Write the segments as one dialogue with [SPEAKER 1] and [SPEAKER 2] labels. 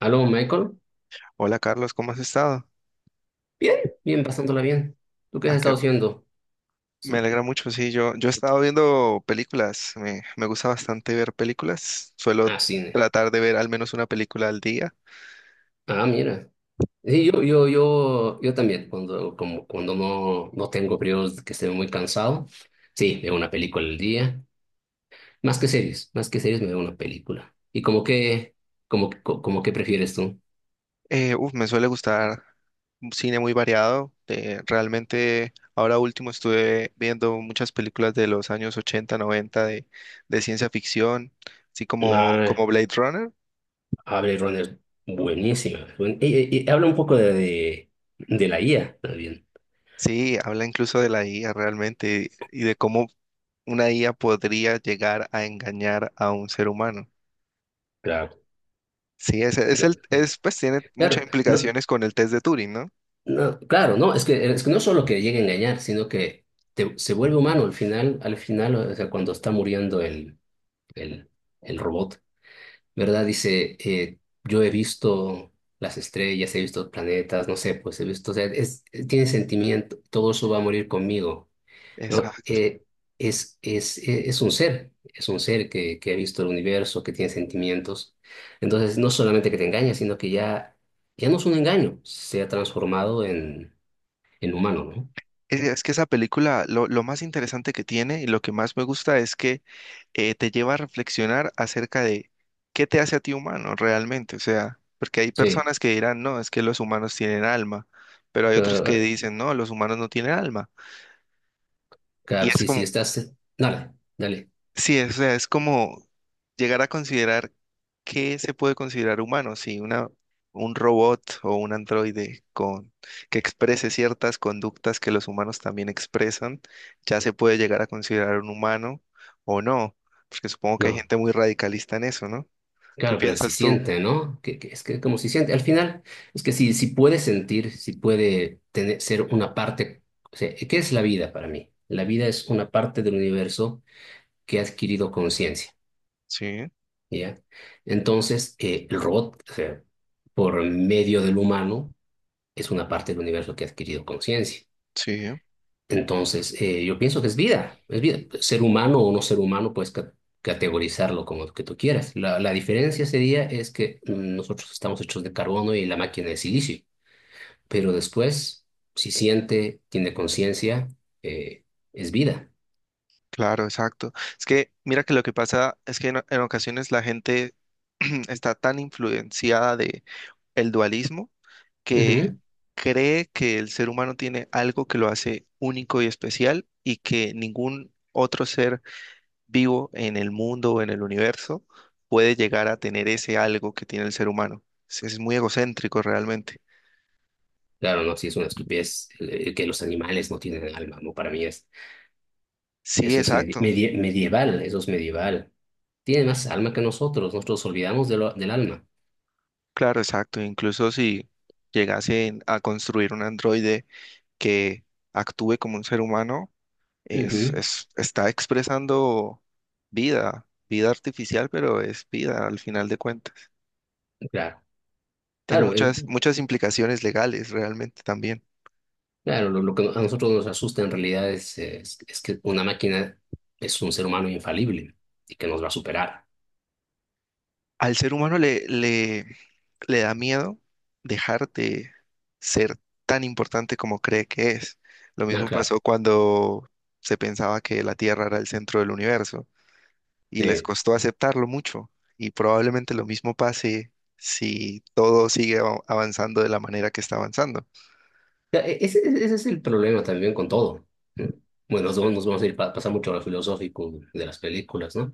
[SPEAKER 1] Aló, Michael.
[SPEAKER 2] Hola Carlos, ¿cómo has estado?
[SPEAKER 1] Bien, bien, pasándola bien. ¿Tú qué has
[SPEAKER 2] Ah, qué
[SPEAKER 1] estado
[SPEAKER 2] bu-
[SPEAKER 1] haciendo?
[SPEAKER 2] me
[SPEAKER 1] Sí.
[SPEAKER 2] alegra mucho, sí, yo he estado viendo películas, me gusta bastante ver películas, suelo
[SPEAKER 1] Ah, cine.
[SPEAKER 2] tratar de ver al menos una película al día.
[SPEAKER 1] Ah, mira. Sí, yo también, cuando, como, cuando no tengo periodos que esté muy cansado, sí, veo una película al día. Más que series me veo una película. ¿Y como que, como, como que prefieres tú?
[SPEAKER 2] Uf, me suele gustar un cine muy variado, realmente ahora último estuve viendo muchas películas de los años 80, 90 de ciencia ficción, así como,
[SPEAKER 1] Ah,
[SPEAKER 2] como Blade Runner,
[SPEAKER 1] Blade Runner, buenísima. Y, y habla un poco de la IA también.
[SPEAKER 2] sí, habla incluso de la IA realmente y de cómo una IA podría llegar a engañar a un ser humano.
[SPEAKER 1] Claro.
[SPEAKER 2] Sí,
[SPEAKER 1] Claro,
[SPEAKER 2] pues tiene muchas
[SPEAKER 1] claro, no.
[SPEAKER 2] implicaciones con el test de Turing, ¿no?
[SPEAKER 1] No, claro, no, es que no solo que llegue a engañar, sino que se vuelve humano al final, o sea, cuando está muriendo el, el robot, ¿verdad? Dice, yo he visto las estrellas, he visto planetas, no sé, pues he visto, o sea, es, tiene sentimiento, todo eso va a morir conmigo, ¿no?
[SPEAKER 2] Exacto.
[SPEAKER 1] Es, es un ser que ha visto el universo, que tiene sentimientos. Entonces, no solamente que te engaña, sino que ya, ya no es un engaño, se ha transformado en humano, ¿no?
[SPEAKER 2] Es que esa película, lo más interesante que tiene y lo que más me gusta es que te lleva a reflexionar acerca de qué te hace a ti humano realmente. O sea, porque hay
[SPEAKER 1] Sí,
[SPEAKER 2] personas que dirán, no, es que los humanos tienen alma, pero hay otros que
[SPEAKER 1] claro,
[SPEAKER 2] dicen, no, los humanos no tienen alma. Y
[SPEAKER 1] claro,
[SPEAKER 2] es
[SPEAKER 1] sí,
[SPEAKER 2] como
[SPEAKER 1] sí, estás, dale, dale,
[SPEAKER 2] Sí, o sea, es como llegar a considerar qué se puede considerar humano, si un robot o un androide con, que exprese ciertas conductas que los humanos también expresan, ya se puede llegar a considerar un humano o no, porque supongo que hay
[SPEAKER 1] no,
[SPEAKER 2] gente muy radicalista en eso, ¿no? ¿Qué
[SPEAKER 1] claro, pero si
[SPEAKER 2] piensas tú?
[SPEAKER 1] siente, ¿no? Que es que como si siente, al final, es que si, si puede sentir, si puede tener, ser una parte, o sea, ¿qué es la vida para mí? La vida es una parte del universo que ha adquirido conciencia,
[SPEAKER 2] Sí,
[SPEAKER 1] ¿ya? Entonces, el robot, o sea, por medio del humano, es una parte del universo que ha adquirido conciencia.
[SPEAKER 2] sí,
[SPEAKER 1] Entonces, yo pienso que es vida, es vida. Ser humano o no ser humano, puedes categorizarlo como que tú quieras. La diferencia sería es que nosotros estamos hechos de carbono y la máquina de silicio, pero después, si siente, tiene conciencia, eh, es vida.
[SPEAKER 2] claro, exacto. Es que mira que lo que pasa es que en ocasiones la gente está tan influenciada de el dualismo que
[SPEAKER 1] Ujú.
[SPEAKER 2] cree que el ser humano tiene algo que lo hace único y especial y que ningún otro ser vivo en el mundo o en el universo puede llegar a tener ese algo que tiene el ser humano. Es muy egocéntrico realmente.
[SPEAKER 1] Claro, no, si es una estupidez que los animales no tienen alma, ¿no? Para mí es,
[SPEAKER 2] Sí,
[SPEAKER 1] eso es
[SPEAKER 2] exacto.
[SPEAKER 1] medieval, eso es medieval. Tiene más alma que nosotros olvidamos de del alma.
[SPEAKER 2] Claro, exacto. Incluso si llegasen a construir un androide que actúe como un ser humano,
[SPEAKER 1] Ujú.
[SPEAKER 2] está expresando vida, vida artificial, pero es vida al final de cuentas.
[SPEAKER 1] Claro.
[SPEAKER 2] Tiene
[SPEAKER 1] Claro,
[SPEAKER 2] muchas, muchas implicaciones legales realmente también.
[SPEAKER 1] claro, lo que a nosotros nos asusta en realidad es que una máquina es un ser humano infalible y que nos va a superar.
[SPEAKER 2] Al ser humano le da miedo dejar de ser tan importante como cree que es. Lo
[SPEAKER 1] Ah,
[SPEAKER 2] mismo
[SPEAKER 1] claro.
[SPEAKER 2] pasó cuando se pensaba que la Tierra era el centro del universo y les
[SPEAKER 1] Sí.
[SPEAKER 2] costó aceptarlo mucho. Y probablemente lo mismo pase si todo sigue avanzando de la manera que está avanzando.
[SPEAKER 1] Ya, ese, ese es el problema también con todo. Bueno, nos vamos a ir pasar mucho a lo filosófico de las películas, ¿no?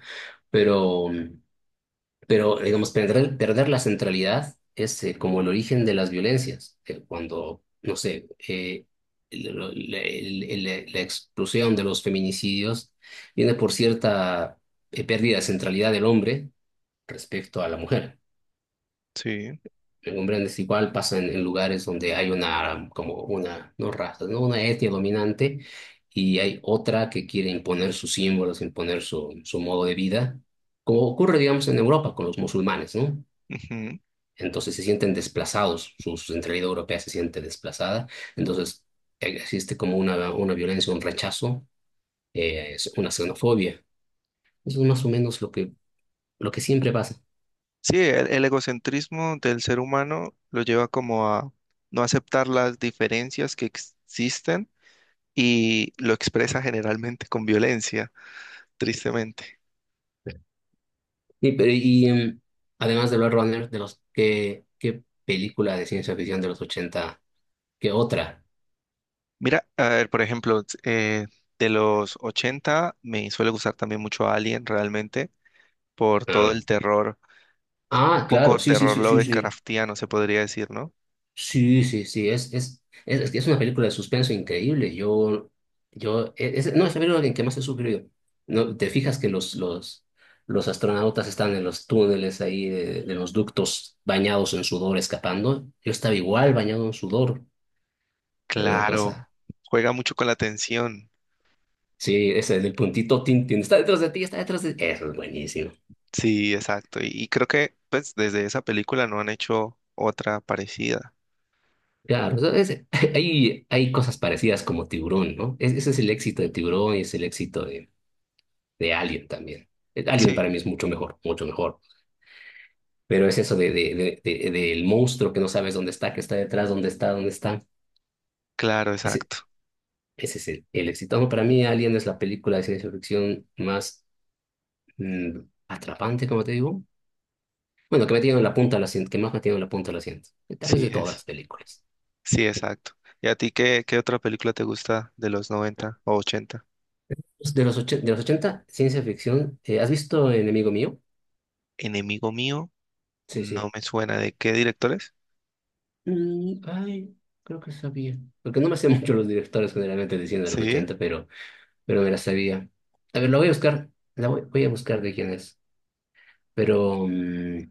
[SPEAKER 1] Pero, pero, digamos, perder, perder la centralidad es como el origen de las violencias. Cuando, no sé, el- el- la explosión de los feminicidios viene por cierta pérdida de centralidad del hombre respecto a la mujer.
[SPEAKER 2] Sí.
[SPEAKER 1] El hombre es igual pasa en lugares donde hay una, como una, no raza, ¿no? Una etnia dominante y hay otra que quiere imponer sus símbolos, imponer su, su modo de vida, como ocurre, digamos, en Europa con los musulmanes, ¿no?
[SPEAKER 2] Ujú.
[SPEAKER 1] Entonces se sienten desplazados, su centralidad europea se siente desplazada. Entonces existe como una violencia, un rechazo, es una xenofobia. Eso es más o menos lo que siempre pasa.
[SPEAKER 2] Sí, el egocentrismo del ser humano lo lleva como a no aceptar las diferencias que existen y lo expresa generalmente con violencia, tristemente.
[SPEAKER 1] Y, y además de Blade Runner, de los, ¿qué, qué película de ciencia ficción de los 80 ¿Qué otra?
[SPEAKER 2] Mira, a ver, por ejemplo, de los 80 me suele gustar también mucho Alien realmente por todo
[SPEAKER 1] Ah,
[SPEAKER 2] el terror, un
[SPEAKER 1] ah,
[SPEAKER 2] poco
[SPEAKER 1] claro, sí, sí,
[SPEAKER 2] terror
[SPEAKER 1] sí, sí, sí.
[SPEAKER 2] Lovecraftiano se podría decir, ¿no?
[SPEAKER 1] Sí, sí, sí, es que es una película de suspenso increíble. Yo, es, no, es la película en que más he sufrido. No, te fijas que los astronautas están en los túneles ahí de los ductos bañados en sudor escapando. Yo estaba igual bañado en sudor. Era una
[SPEAKER 2] Claro,
[SPEAKER 1] cosa.
[SPEAKER 2] juega mucho con la tensión.
[SPEAKER 1] Sí, ese del puntito tin, tin, está detrás de ti, está detrás de ti. Eso es buenísimo.
[SPEAKER 2] Sí, exacto. Y creo que pues desde esa película no han hecho otra parecida.
[SPEAKER 1] Claro, hay cosas parecidas como Tiburón, ¿no? Ese es el éxito de Tiburón y es el éxito de Alien también. Alien
[SPEAKER 2] Sí,
[SPEAKER 1] para mí es mucho mejor, mucho mejor. Pero es eso de, del monstruo que no sabes dónde está, que está detrás, dónde está, dónde está.
[SPEAKER 2] claro,
[SPEAKER 1] Ese,
[SPEAKER 2] exacto.
[SPEAKER 1] ese es el éxito. No, para mí Alien es la película de ciencia ficción más mm, atrapante, como te digo. Bueno, que me tiene en la punta del asiento, que más me tiene en la punta del asiento. Tal vez
[SPEAKER 2] Sí
[SPEAKER 1] de todas las
[SPEAKER 2] es.
[SPEAKER 1] películas.
[SPEAKER 2] Sí, exacto. ¿Y a ti qué otra película te gusta de los 90 o ochenta?
[SPEAKER 1] Pues de los, de los 80 ciencia ficción. ¿Eh, has visto Enemigo Mío?
[SPEAKER 2] Enemigo mío,
[SPEAKER 1] Sí, sí.
[SPEAKER 2] no me suena. ¿De qué directores?
[SPEAKER 1] Ay, creo que sabía. Porque no me sé mucho los directores generalmente diciendo de los
[SPEAKER 2] Sí,
[SPEAKER 1] 80 pero me la sabía. A ver, la voy a buscar, la voy, voy a buscar de quién es. Pero,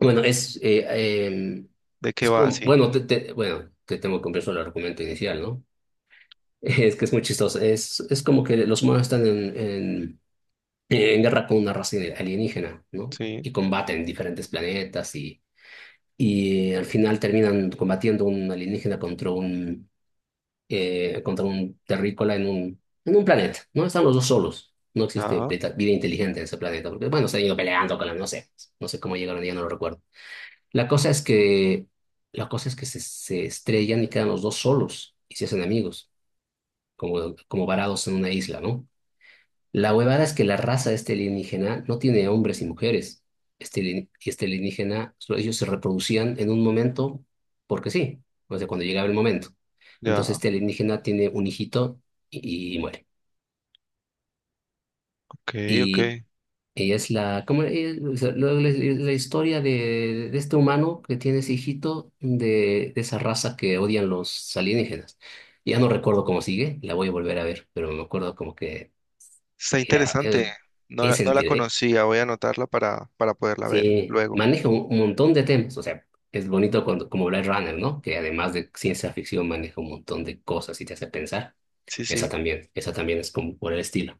[SPEAKER 1] bueno, es, em,
[SPEAKER 2] ¿de qué
[SPEAKER 1] es
[SPEAKER 2] va?
[SPEAKER 1] como,
[SPEAKER 2] Sí,
[SPEAKER 1] bueno, te, bueno, te tengo que comprar solo el argumento inicial, ¿no? Es que es muy chistoso. Es como que los humanos están en guerra con una raza alienígena, ¿no?
[SPEAKER 2] sí.
[SPEAKER 1] Y combaten diferentes planetas y al final terminan combatiendo un alienígena contra un terrícola en un planeta, ¿no? Están los dos solos. No existe
[SPEAKER 2] Ah,
[SPEAKER 1] vida inteligente en ese planeta, porque, bueno, se han ido peleando con la, no sé, no sé cómo llegaron, ya no lo recuerdo. La cosa es que, la cosa es que se estrellan y quedan los dos solos y se hacen amigos, como, como varados en una isla, ¿no? La huevada es que la raza de este alienígena no tiene hombres y mujeres. Este, y este alienígena, ellos se reproducían en un momento porque sí, o sea, cuando llegaba el momento. Entonces
[SPEAKER 2] ya,
[SPEAKER 1] este alienígena tiene un hijito y muere.
[SPEAKER 2] ok, ok.
[SPEAKER 1] Y, y es la, ¿cómo, o sea, la, la historia de este humano que tiene ese hijito de esa raza que odian los alienígenas. Ya no recuerdo cómo sigue, la voy a volver a ver, pero me acuerdo como que
[SPEAKER 2] Está
[SPEAKER 1] era...
[SPEAKER 2] interesante. No,
[SPEAKER 1] es.
[SPEAKER 2] no la conocía, voy a anotarla para poderla ver
[SPEAKER 1] Sí,
[SPEAKER 2] luego.
[SPEAKER 1] maneja un montón de temas. O sea, es bonito cuando, como Blade Runner, ¿no? Que además de ciencia ficción maneja un montón de cosas y te hace pensar.
[SPEAKER 2] Sí, sí.
[SPEAKER 1] Esa también es como por el estilo.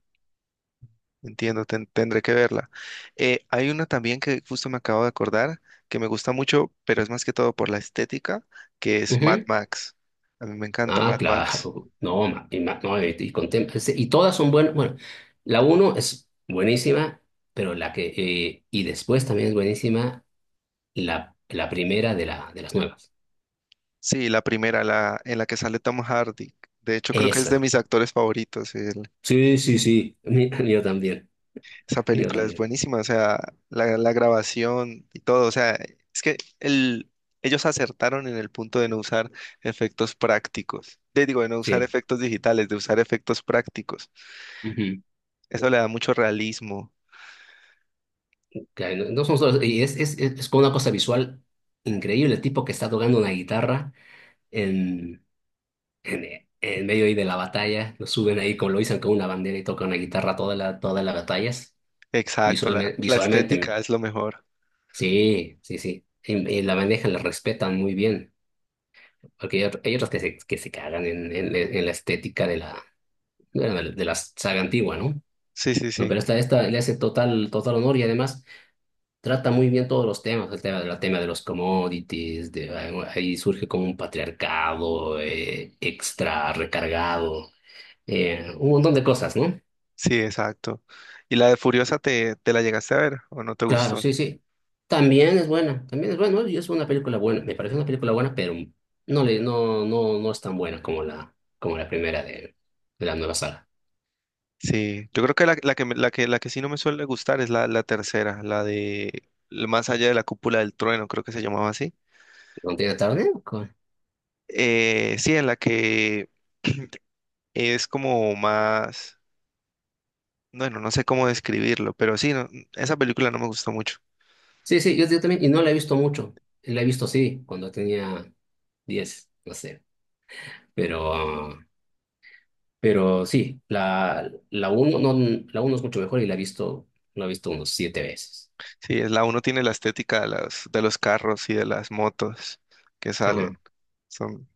[SPEAKER 2] Entiendo, tendré que verla. Hay una también que justo me acabo de acordar, que me gusta mucho, pero es más que todo por la estética, que es Mad
[SPEAKER 1] Ujú.
[SPEAKER 2] Max. A mí me encanta
[SPEAKER 1] Ah,
[SPEAKER 2] Mad Max.
[SPEAKER 1] claro. No, y, no, y con y todas son buenas. Bueno, la uno es buenísima, pero la que... y después también es buenísima la, la primera de, la, de las nuevas.
[SPEAKER 2] Sí, la primera, la en la que sale Tom Hardy. De hecho, creo que es de
[SPEAKER 1] Esa.
[SPEAKER 2] mis actores favoritos. el-
[SPEAKER 1] Sí, sí, sí. Yo también.
[SPEAKER 2] esa
[SPEAKER 1] Yo
[SPEAKER 2] película es
[SPEAKER 1] también.
[SPEAKER 2] buenísima, o sea, la grabación y todo. O sea, es que ellos acertaron en el punto de no usar efectos prácticos. De, digo, de no usar
[SPEAKER 1] Sí.
[SPEAKER 2] efectos digitales, de usar efectos prácticos.
[SPEAKER 1] Ujú.
[SPEAKER 2] Eso le da mucho realismo.
[SPEAKER 1] Que no, no son solo, y es como una cosa visual increíble, el tipo que está tocando una guitarra en, en medio ahí de la batalla, lo suben ahí, como lo dicen con una bandera y toca una guitarra toda la, todas las batallas,
[SPEAKER 2] Exacto, la,
[SPEAKER 1] visualmente,
[SPEAKER 2] la estética
[SPEAKER 1] visualmente,
[SPEAKER 2] es lo mejor.
[SPEAKER 1] sí, sí, sí, y la manejan, la respetan muy bien, porque hay, hay otros que se cagan en la estética de la, bueno, de la saga antigua, ¿no?
[SPEAKER 2] Sí, sí,
[SPEAKER 1] No,
[SPEAKER 2] sí.
[SPEAKER 1] pero esta le hace total, total honor y además... trata muy bien todos los temas, el tema de los commodities, de, bueno, ahí surge como un patriarcado extra recargado, un montón de cosas, ¿no?
[SPEAKER 2] Sí, exacto. ¿Y la de Furiosa te la llegaste a ver o no te
[SPEAKER 1] Claro,
[SPEAKER 2] gustó?
[SPEAKER 1] sí, sí. También es buena, ¿no? Y es una película buena, me parece una película buena, pero no, le, no, no, no es tan buena como la primera de la nueva saga.
[SPEAKER 2] Sí, yo creo que la que sí no me suele gustar es la tercera, la de el Más allá de la cúpula del trueno, creo que se llamaba así.
[SPEAKER 1] ¿No tiene tarde? ¿Cómo?
[SPEAKER 2] Sí, en la que es como más, bueno, no sé cómo describirlo, pero sí, esa película no me gustó mucho.
[SPEAKER 1] Sí, sí, yo también, y no la he visto mucho, la he visto sí, cuando tenía 10 no sé, pero... Pero sí, la uno, no, la uno es mucho mejor y la he visto unos 7 veces.
[SPEAKER 2] Sí, es la uno tiene la estética de de los carros y de las motos que salen.
[SPEAKER 1] Ajá.
[SPEAKER 2] Son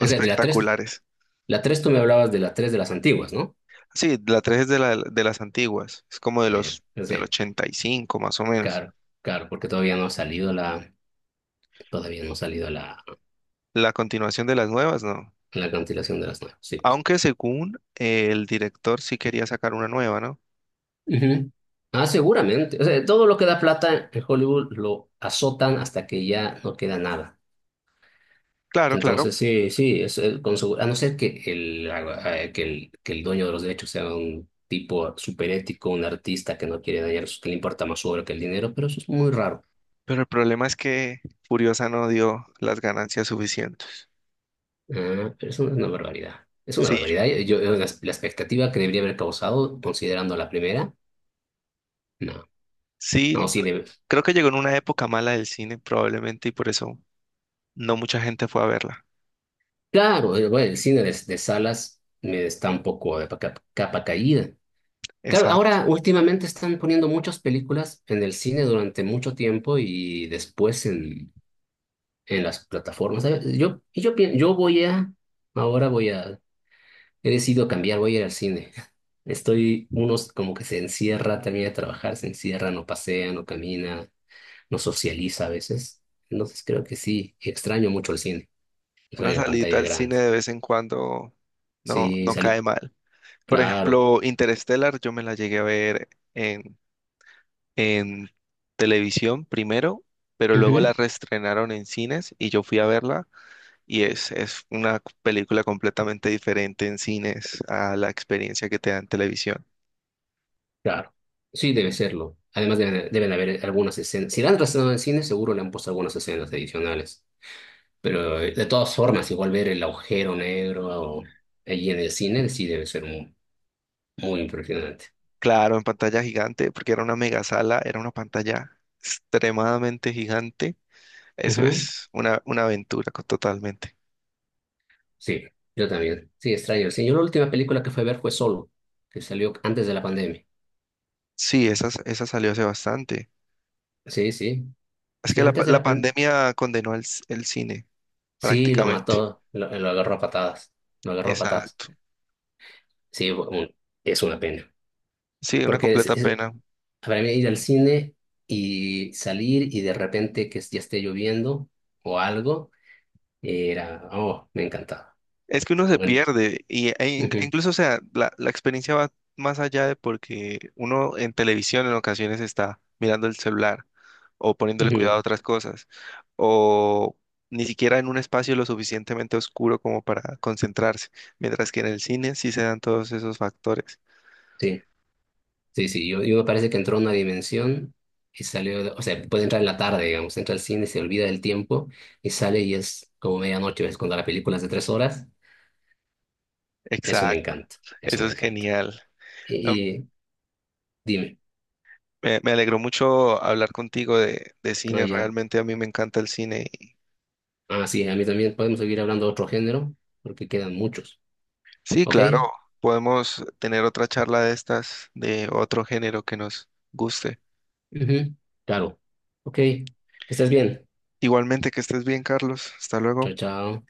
[SPEAKER 1] O sea, de la tres tú me hablabas de la tres de las antiguas, ¿no?
[SPEAKER 2] Sí, la 3 es de las antiguas, es como de
[SPEAKER 1] Ah,
[SPEAKER 2] los
[SPEAKER 1] ya. O
[SPEAKER 2] del
[SPEAKER 1] sea,
[SPEAKER 2] 85 más o menos.
[SPEAKER 1] claro, claro, porque todavía no ha salido la, todavía no ha salido la,
[SPEAKER 2] La continuación de las nuevas, no.
[SPEAKER 1] la cancelación de las nuevas, sí, pues.
[SPEAKER 2] Aunque según el director sí quería sacar una nueva, ¿no?
[SPEAKER 1] Ujú. Ah, seguramente. O sea, todo lo que da plata en Hollywood lo azotan hasta que ya no queda nada.
[SPEAKER 2] Claro, claro.
[SPEAKER 1] Entonces, sí, sí, es, con a no ser que el, que el, que el dueño de los derechos sea un tipo superético, un artista que no quiere dañar, que le importa más su obra que el dinero, pero eso es muy raro.
[SPEAKER 2] Pero el problema es que Furiosa no dio las ganancias suficientes.
[SPEAKER 1] Ah, pero eso es una barbaridad. Es una
[SPEAKER 2] Sí,
[SPEAKER 1] barbaridad. Yo, la, la expectativa que debería haber causado, considerando la primera, no.
[SPEAKER 2] sí,
[SPEAKER 1] No, sí,
[SPEAKER 2] creo que llegó en una época mala del cine probablemente y por eso no mucha gente fue a verla.
[SPEAKER 1] claro, bueno, el cine de salas me está un poco de capa caída. Claro,
[SPEAKER 2] Exacto.
[SPEAKER 1] ahora últimamente están poniendo muchas películas en el cine durante mucho tiempo y después en las plataformas. ¿Sabes? Yo, y yo, yo voy a, ahora voy a, he decidido cambiar, voy a ir al cine. Estoy, unos como que se encierra, termina de trabajar, se encierra, no pasea, no camina, no socializa a veces. Entonces creo que sí, extraño mucho el cine,
[SPEAKER 2] Una
[SPEAKER 1] extraño la
[SPEAKER 2] salidita
[SPEAKER 1] pantalla
[SPEAKER 2] al cine
[SPEAKER 1] grande.
[SPEAKER 2] de vez en cuando no,
[SPEAKER 1] Sí,
[SPEAKER 2] no
[SPEAKER 1] salí,
[SPEAKER 2] cae mal. Por
[SPEAKER 1] claro,
[SPEAKER 2] ejemplo, Interstellar, yo me la llegué a ver en, televisión primero, pero luego
[SPEAKER 1] ujú,
[SPEAKER 2] la reestrenaron en cines y yo fui a verla y es una película completamente diferente en cines a la experiencia que te da en televisión.
[SPEAKER 1] claro, sí debe serlo. Además deben, deben haber algunas escenas. Si la han trasladado al cine, seguro le han puesto algunas escenas adicionales. Pero de todas formas, igual ver el agujero negro allí en el cine sí debe ser muy, muy impresionante.
[SPEAKER 2] Claro, en pantalla gigante, porque era una mega sala, era una pantalla extremadamente gigante. Eso
[SPEAKER 1] Ujú.
[SPEAKER 2] es una aventura totalmente.
[SPEAKER 1] Sí, yo también. Sí, extraño. Sí, yo la última película que fue a ver fue Solo, que salió antes de la pandemia.
[SPEAKER 2] Sí, esa salió hace bastante.
[SPEAKER 1] Sí, sí.
[SPEAKER 2] Es
[SPEAKER 1] Sí,
[SPEAKER 2] que
[SPEAKER 1] antes de
[SPEAKER 2] la
[SPEAKER 1] la pandemia.
[SPEAKER 2] pandemia condenó el cine
[SPEAKER 1] Sí, lo
[SPEAKER 2] prácticamente.
[SPEAKER 1] mató, lo agarró a patadas. Lo agarró a patadas.
[SPEAKER 2] Exacto.
[SPEAKER 1] Sí, es una pena.
[SPEAKER 2] Sí, una
[SPEAKER 1] Porque es,
[SPEAKER 2] completa pena.
[SPEAKER 1] para mí ir al cine y salir y de repente que ya esté lloviendo o algo, era, oh, me encantaba.
[SPEAKER 2] Es que uno se pierde y e
[SPEAKER 1] Ujú,
[SPEAKER 2] incluso, o sea, la experiencia va más allá de porque uno en televisión en ocasiones está mirando el celular o poniéndole cuidado
[SPEAKER 1] ujú.
[SPEAKER 2] a otras cosas o ni siquiera en un espacio lo suficientemente oscuro como para concentrarse, mientras que en el cine sí se dan todos esos factores.
[SPEAKER 1] Sí, sí, sí. Yo me parece que entró a una dimensión y salió, o sea, puede entrar en la tarde, digamos, entra al cine, se olvida del tiempo y sale y es como medianoche, es cuando la película es de 3 horas. Eso me
[SPEAKER 2] Exacto.
[SPEAKER 1] encanta, eso
[SPEAKER 2] Eso
[SPEAKER 1] me
[SPEAKER 2] es
[SPEAKER 1] encanta.
[SPEAKER 2] genial. No,
[SPEAKER 1] Y dime,
[SPEAKER 2] me alegró mucho hablar contigo de
[SPEAKER 1] ah,
[SPEAKER 2] cine.
[SPEAKER 1] ya.
[SPEAKER 2] Realmente a mí me encanta el cine.
[SPEAKER 1] Ah, sí, a mí también podemos seguir hablando de otro género porque quedan muchos.
[SPEAKER 2] Sí,
[SPEAKER 1] ¿Ok?
[SPEAKER 2] claro, podemos tener otra charla de estas, de otro género que nos guste.
[SPEAKER 1] Ujú, claro. Ok, que estés bien.
[SPEAKER 2] Igualmente que estés bien, Carlos. Hasta
[SPEAKER 1] Chao,
[SPEAKER 2] luego.
[SPEAKER 1] chao.